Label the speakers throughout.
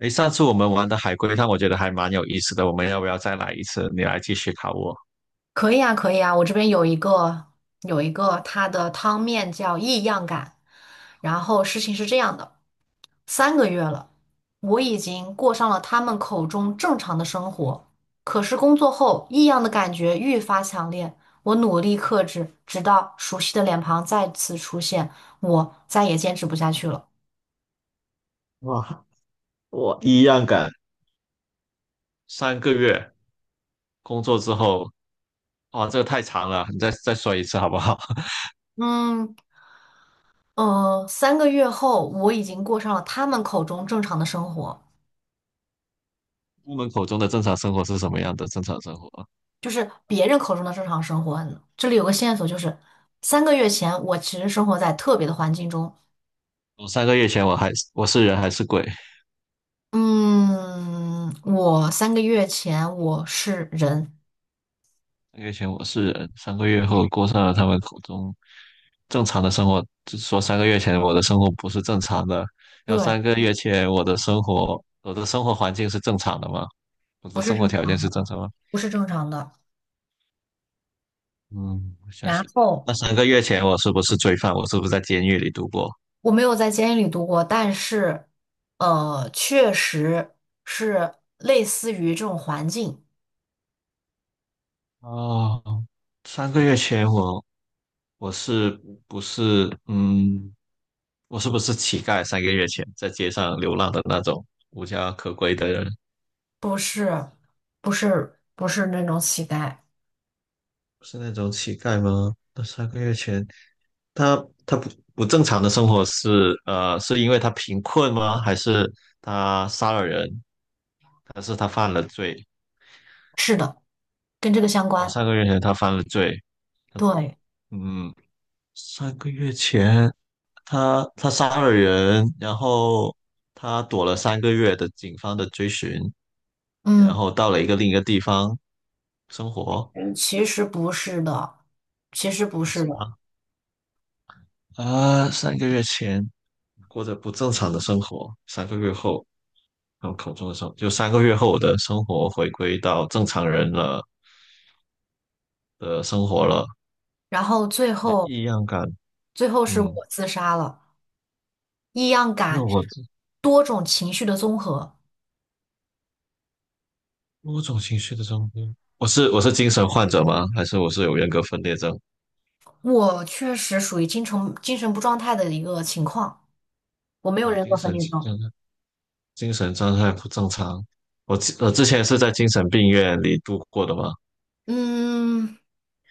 Speaker 1: 诶，上次我们玩的海龟汤，我觉得还蛮有意思的。我们要不要再来一次？你来继续考我。
Speaker 2: 可以啊，可以啊，我这边有一个，它的汤面叫异样感。然后事情是这样的，三个月了，我已经过上了他们口中正常的生活。可是工作后，异样的感觉愈发强烈。我努力克制，直到熟悉的脸庞再次出现，我再也坚持不下去了。
Speaker 1: 哇，我一样敢。三个月工作之后，哇，这个太长了，你再说一次好不好？
Speaker 2: 嗯三个月后，我已经过上了他们口中正常的生活。
Speaker 1: 我门口中的正常生活是什么样的？正常生活，
Speaker 2: 就是别人口中的正常生活。这里有个线索，就是三个月前我其实生活在特别的环境中。
Speaker 1: 我三个月前我是人还是鬼？
Speaker 2: 嗯，我三个月前我是人，
Speaker 1: 三个月前我是人，三个月后过上了他们口中正常的生活。就是说三个月前我的生活不是正常的，要
Speaker 2: 对，
Speaker 1: 三个月前我的生活，我的生活环境是正常的吗？我
Speaker 2: 不
Speaker 1: 的
Speaker 2: 是
Speaker 1: 生活
Speaker 2: 正
Speaker 1: 条件
Speaker 2: 常，
Speaker 1: 是正常吗？
Speaker 2: 不是正常的。
Speaker 1: 嗯，我相
Speaker 2: 然
Speaker 1: 信。
Speaker 2: 后
Speaker 1: 那三个月前我是不是罪犯？我是不是在监狱里度过？
Speaker 2: 我没有在监狱里度过，但是确实是类似于这种环境，
Speaker 1: 哦，三个月前我是不是我是不是乞丐？三个月前在街上流浪的那种无家可归的人。
Speaker 2: 不是，不是，不是那种乞丐。
Speaker 1: 是那种乞丐吗？那三个月前，他他不正常的生活是是因为他贫困吗？还是他杀了人？还是他犯了罪？
Speaker 2: 是的，跟这个相
Speaker 1: 哦，
Speaker 2: 关。
Speaker 1: 三个月前他犯了罪。他
Speaker 2: 对，
Speaker 1: 嗯，三个月前他杀了人，然后他躲了三个月的警方的追寻，然
Speaker 2: 嗯。
Speaker 1: 后到了一个另一个地方生活，
Speaker 2: 其实不是的，其实不
Speaker 1: 不
Speaker 2: 是
Speaker 1: 是
Speaker 2: 的。
Speaker 1: 吗？啊，三个月前过着不正常的生活，三个月后。考口中的生”，活就三个月后我的生活回归到正常人了的生活了，
Speaker 2: 然后最
Speaker 1: 呃
Speaker 2: 后，
Speaker 1: 异样感，
Speaker 2: 最后是我
Speaker 1: 嗯，
Speaker 2: 自杀了。异样
Speaker 1: 因为
Speaker 2: 感，
Speaker 1: 我这
Speaker 2: 多种情绪的综合。
Speaker 1: 某种情绪的中间，我是精神患者吗？还是我是有人格分裂症？
Speaker 2: 我确实属于精神不状态的一个情况，我没有
Speaker 1: 哦，
Speaker 2: 人格分裂症。
Speaker 1: 精神状态不正常。我之前是在精神病院里度过的吗？
Speaker 2: 嗯，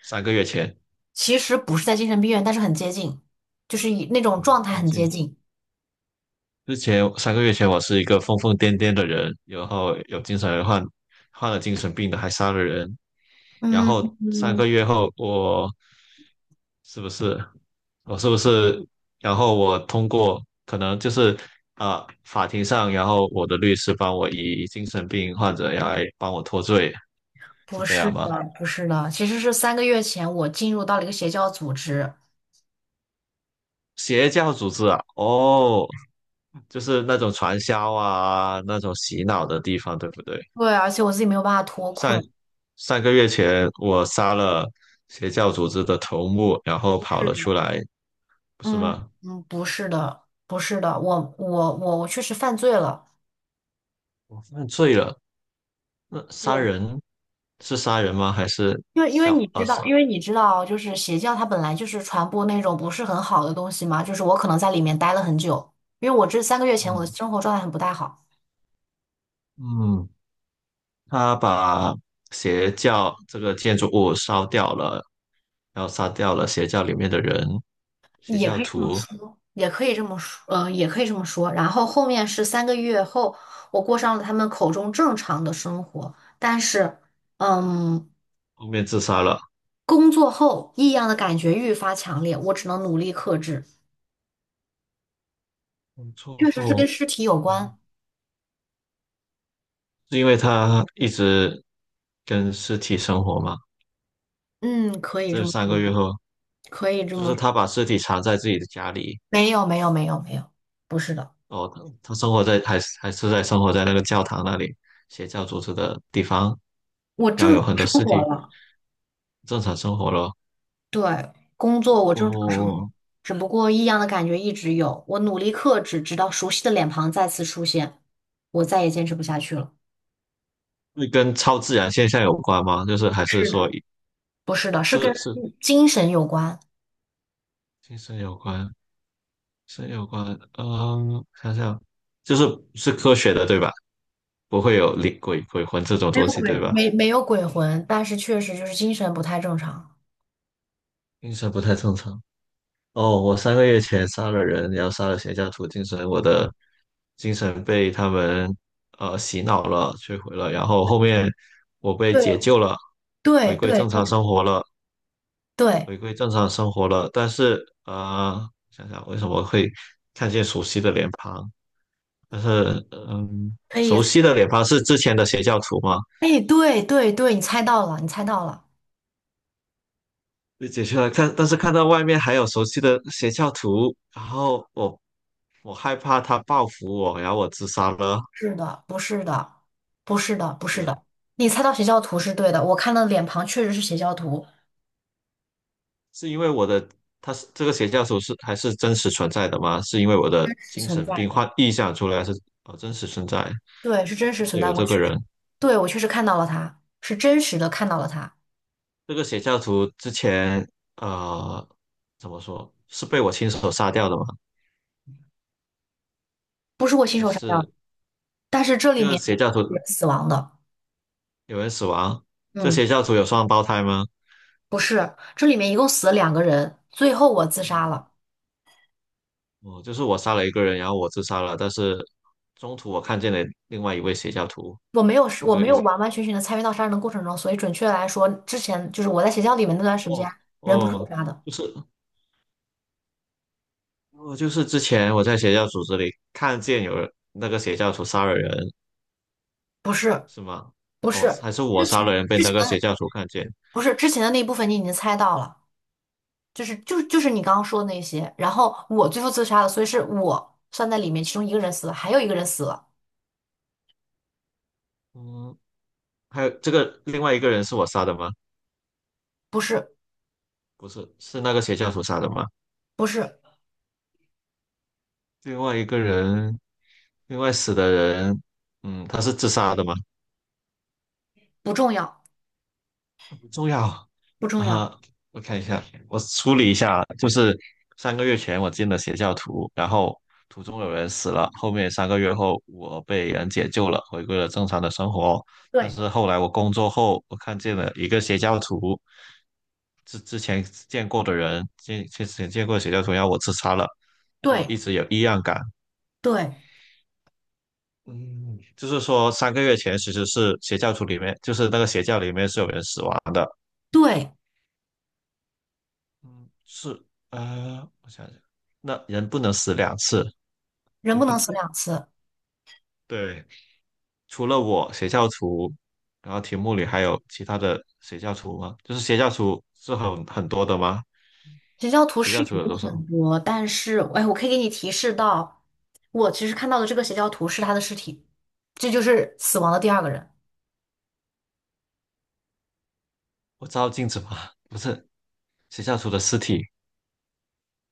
Speaker 1: 三个月前，
Speaker 2: 其实不是在精神病院，但是很接近，就是以那种
Speaker 1: 嗯，
Speaker 2: 状态
Speaker 1: 接
Speaker 2: 很接
Speaker 1: 近
Speaker 2: 近。
Speaker 1: 之前三个月前，我是一个疯疯癫癫的人，然后有精神患患了精神病的，还杀了人。然
Speaker 2: 嗯
Speaker 1: 后三
Speaker 2: 嗯，
Speaker 1: 个月后，是不是我是不是？然后我通过可能就是法庭上，然后我的律师帮我以精神病患者来帮我脱罪，是
Speaker 2: 不
Speaker 1: 这
Speaker 2: 是
Speaker 1: 样吗？
Speaker 2: 的，不是的，其实是三个月前我进入到了一个邪教组织，
Speaker 1: 邪教组织啊，哦，就是那种传销啊，那种洗脑的地方，对不对？
Speaker 2: 对，而且我自己没有办法脱
Speaker 1: 上
Speaker 2: 困。
Speaker 1: 上个月前我杀了邪教组织的头目，然后跑
Speaker 2: 是
Speaker 1: 了
Speaker 2: 的。
Speaker 1: 出来，不是
Speaker 2: 嗯
Speaker 1: 吗？
Speaker 2: 不是的，不是的，我确实犯罪了。
Speaker 1: 我犯罪了。那杀
Speaker 2: 对，
Speaker 1: 人是杀人吗？还是
Speaker 2: 因为你
Speaker 1: 小二
Speaker 2: 知道，
Speaker 1: 十？
Speaker 2: 因为你知道，就是邪教它本来就是传播那种不是很好的东西嘛，就是我可能在里面待了很久，因为我这三个月前我的
Speaker 1: 嗯
Speaker 2: 生活状态很不太好，
Speaker 1: 嗯，他把邪教这个建筑物烧掉了，然后杀掉了邪教里面的人，邪
Speaker 2: 也
Speaker 1: 教
Speaker 2: 可以
Speaker 1: 徒
Speaker 2: 也可以这么说，也可以这么说。然后后面是三个月后，我过上了他们口中正常的生活，但是，嗯，
Speaker 1: 后面自杀了。
Speaker 2: 工作后异样的感觉愈发强烈，我只能努力克制，
Speaker 1: 工作
Speaker 2: 确实是跟
Speaker 1: 后，
Speaker 2: 尸体有
Speaker 1: 嗯，
Speaker 2: 关。
Speaker 1: 是因为他一直跟尸体生活吗？
Speaker 2: 嗯，可以这
Speaker 1: 这
Speaker 2: 么
Speaker 1: 三
Speaker 2: 说，
Speaker 1: 个月后。
Speaker 2: 可以这
Speaker 1: 就
Speaker 2: 么
Speaker 1: 是
Speaker 2: 说。
Speaker 1: 他把尸体藏在自己的家里，
Speaker 2: 没有，没有，没有，没有，不是的。
Speaker 1: 哦，他他生活在还是在生活在那个教堂那里，邪教组织的地方，
Speaker 2: 我
Speaker 1: 然后
Speaker 2: 正，
Speaker 1: 有很多尸体，正常生活咯。
Speaker 2: 对，工作我正常生活，
Speaker 1: 哦，
Speaker 2: 只不过异样的感觉一直有。我努力克制，直到熟悉的脸庞再次出现，我再也坚持不下去了。
Speaker 1: 会跟超自然现象有关吗？就是还是
Speaker 2: 是
Speaker 1: 说
Speaker 2: 的，不是的，是跟
Speaker 1: 是
Speaker 2: 精神有关，
Speaker 1: 精神有关，神有关，嗯，想想就是是科学的对吧？不会有灵鬼魂这种
Speaker 2: 没
Speaker 1: 东
Speaker 2: 有
Speaker 1: 西
Speaker 2: 鬼，
Speaker 1: 对吧？
Speaker 2: 没有鬼魂，但是确实就是精神不太正常。
Speaker 1: 精神不太正常。哦，我三个月前杀了人，然后杀了邪教徒精神，我的精神被他们洗脑了，摧毁了，然后后面我被解救了，回
Speaker 2: 对，对
Speaker 1: 归正
Speaker 2: 对
Speaker 1: 常生活了，
Speaker 2: 对，
Speaker 1: 回归正常生活了。但是呃，想想为什么会看见熟悉的脸庞？但是嗯，
Speaker 2: 可以，
Speaker 1: 熟悉的脸庞是之前的邪教徒吗？
Speaker 2: 哎，对对对，你猜到了，你猜到了。
Speaker 1: 被解救了，看，但是看到外面还有熟悉的邪教徒，然后我害怕他报复我，然后我自杀了。
Speaker 2: 是的，不是的，不是的，不是
Speaker 1: 是，
Speaker 2: 的。你猜到邪教徒是对的，我看到脸庞确实是邪教徒，
Speaker 1: 是因为我的，他是这个邪教徒是还是真实存在的吗？是因为我的
Speaker 2: 是
Speaker 1: 精
Speaker 2: 存
Speaker 1: 神
Speaker 2: 在
Speaker 1: 病
Speaker 2: 的。
Speaker 1: 患臆想出来是真实存在，
Speaker 2: 对，是真实存在。
Speaker 1: 有
Speaker 2: 过。
Speaker 1: 这个
Speaker 2: 确实，
Speaker 1: 人，
Speaker 2: 对，我确实看到了他，是真实的看到了他，
Speaker 1: 这个邪教徒之前呃怎么说是被我亲手杀掉的吗？
Speaker 2: 不是我亲
Speaker 1: 还
Speaker 2: 手杀掉的。
Speaker 1: 是
Speaker 2: 但是这
Speaker 1: 这
Speaker 2: 里
Speaker 1: 个
Speaker 2: 面
Speaker 1: 邪教
Speaker 2: 有
Speaker 1: 徒
Speaker 2: 人死亡的，
Speaker 1: 有人死亡？这邪
Speaker 2: 嗯，
Speaker 1: 教徒有双胞胎吗？
Speaker 2: 不是，这里面一共死了两个人，最后我自杀
Speaker 1: 嗯，
Speaker 2: 了。
Speaker 1: 哦，就是我杀了一个人，然后我自杀了，但是中途我看见了另外一位邪教徒，
Speaker 2: 我没有，
Speaker 1: 是
Speaker 2: 我
Speaker 1: 这个
Speaker 2: 没
Speaker 1: 意
Speaker 2: 有
Speaker 1: 思？
Speaker 2: 完完全全的参与到杀人的过程中，所以准确来说，之前就是我在邪教里面那段时间，
Speaker 1: 哦
Speaker 2: 人不是我
Speaker 1: 哦，
Speaker 2: 杀的，
Speaker 1: 就是。哦，就是之前我在邪教组织里看见有人那个邪教徒杀了人，
Speaker 2: 不是，
Speaker 1: 是吗？
Speaker 2: 不
Speaker 1: 哦，
Speaker 2: 是，
Speaker 1: 还是我
Speaker 2: 之
Speaker 1: 杀了
Speaker 2: 前
Speaker 1: 人被
Speaker 2: 之
Speaker 1: 那
Speaker 2: 前
Speaker 1: 个邪教徒看见？
Speaker 2: 不是之前的那一部分你已经猜到了，就是你刚刚说的那些，然后我最后自杀了，所以是我算在里面，其中一个人死了，还有一个人死了，
Speaker 1: 嗯，还有这个另外一个人是我杀的吗？
Speaker 2: 不是
Speaker 1: 不是，是那个邪教徒杀的吗？
Speaker 2: 不是
Speaker 1: 另外一个人，另外死的人，嗯，他是自杀的吗？
Speaker 2: 不重要
Speaker 1: 很重要
Speaker 2: 不重要，
Speaker 1: 啊！我看一下，我梳理一下啊，就是三个月前我进了邪教徒，然后途中有人死了，后面三个月后我被人解救了，回归了正常的生活。但
Speaker 2: 对
Speaker 1: 是后来我工作后，我看见了一个邪教徒，之前见过的人，见之前见过的邪教徒要我自杀了，我
Speaker 2: 对
Speaker 1: 一直有异样感。
Speaker 2: 对
Speaker 1: 嗯，就是说三个月前其实是邪教徒里面，就是那个邪教里面是有人死亡的。
Speaker 2: 对，
Speaker 1: 嗯，是，啊，我想想，那人不能死两次。
Speaker 2: 人不能死 两次。
Speaker 1: 对，除了我邪教徒，然后题目里还有其他的邪教徒吗？就是邪教徒是很多的吗？
Speaker 2: 邪教徒
Speaker 1: 邪
Speaker 2: 是
Speaker 1: 教徒
Speaker 2: 有
Speaker 1: 有多少？
Speaker 2: 很多，但是哎，我可以给你提示到，我其实看到的这个邪教徒是他的尸体，这就是死亡的第二个人。
Speaker 1: 我照镜子吗？不是，邪教徒的尸体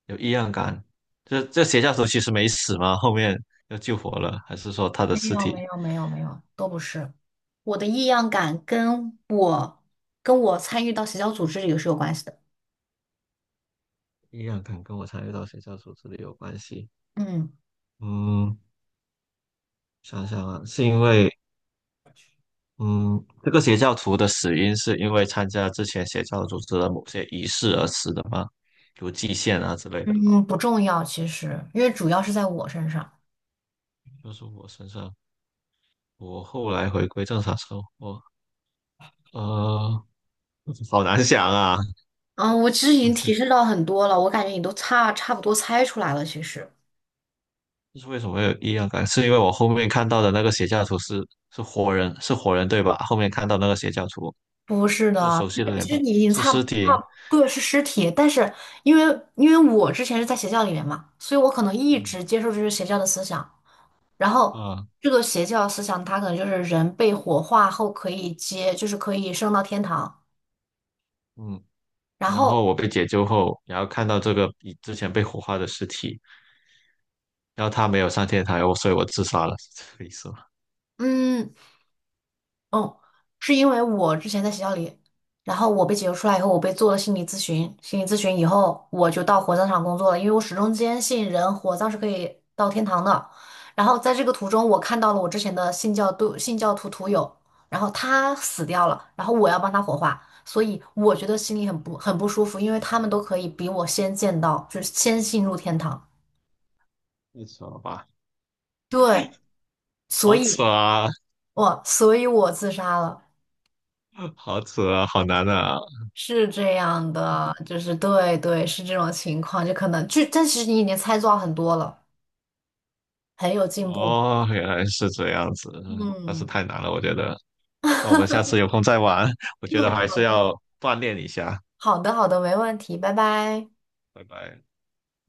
Speaker 1: 有异样感，这邪教徒其实没死吗？后面又救活了，还是说他的
Speaker 2: 没
Speaker 1: 尸
Speaker 2: 有没
Speaker 1: 体
Speaker 2: 有没有没有，都不是。我的异样感跟我参与到邪教组织里是有关系的。
Speaker 1: 异样感跟我参与到邪教徒这里有关系？
Speaker 2: 嗯
Speaker 1: 嗯，想想啊，是因为嗯，这个邪教徒的死因是因为参加之前邪教组织的某些仪式而死的吗？如祭献啊之类的。
Speaker 2: 嗯，不重要其实，因为主要是在我身上。
Speaker 1: 就是我身上，我后来回归正常生活，呃，好难想啊，
Speaker 2: 嗯，我其实已
Speaker 1: 不
Speaker 2: 经
Speaker 1: 是，
Speaker 2: 提示到很多了，我感觉你都差不多猜出来了。其实
Speaker 1: 这是为什么会有异样感？是因为我后面看到的那个邪教徒是是活人，是活人对吧？后面看到那个邪教徒
Speaker 2: 不是
Speaker 1: 是
Speaker 2: 的，
Speaker 1: 熟
Speaker 2: 其
Speaker 1: 悉的
Speaker 2: 实
Speaker 1: 脸
Speaker 2: 其
Speaker 1: 吧？
Speaker 2: 实你已经
Speaker 1: 是
Speaker 2: 差不
Speaker 1: 尸
Speaker 2: 差
Speaker 1: 体，
Speaker 2: 不对是尸体，但是因为因为我之前是在邪教里面嘛，所以我可能一
Speaker 1: 嗯
Speaker 2: 直接受这些邪教的思想。然后
Speaker 1: 啊
Speaker 2: 这个邪教思想，它可能就是人被火化后可以接，就是可以升到天堂。
Speaker 1: 嗯，
Speaker 2: 然
Speaker 1: 然后
Speaker 2: 后，
Speaker 1: 我被解救后，然后看到这个比之前被火化的尸体。然后他没有上天台，我所以我自杀了。是这个意思吗？
Speaker 2: 嗯，嗯，是因为我之前在学校里，然后我被解救出来以后，我被做了心理咨询。心理咨询以后，我就到火葬场工作了，因为我始终坚信人火葬是可以到天堂的。然后在这个途中，我看到了我之前的信教徒友，然后他死掉了，然后我要帮他火化，所以我觉得心里很不舒服，因为他们都可以比我先见到，就是先进入天堂。
Speaker 1: 太扯了吧？
Speaker 2: 对，所
Speaker 1: 好
Speaker 2: 以
Speaker 1: 扯啊，
Speaker 2: 所以我自杀了。
Speaker 1: 好扯啊，好难啊！
Speaker 2: 是这样的，就是对对，是这种情况，就可能就，但其实你已经猜到很多了，很有进步。
Speaker 1: 哦，原来是这样子，但是
Speaker 2: 嗯
Speaker 1: 太难了，我觉得。那我们下次有空再玩，我觉得 还
Speaker 2: 嗯，
Speaker 1: 是要锻炼一下。
Speaker 2: 好的好的，没问题，拜拜。
Speaker 1: 拜拜。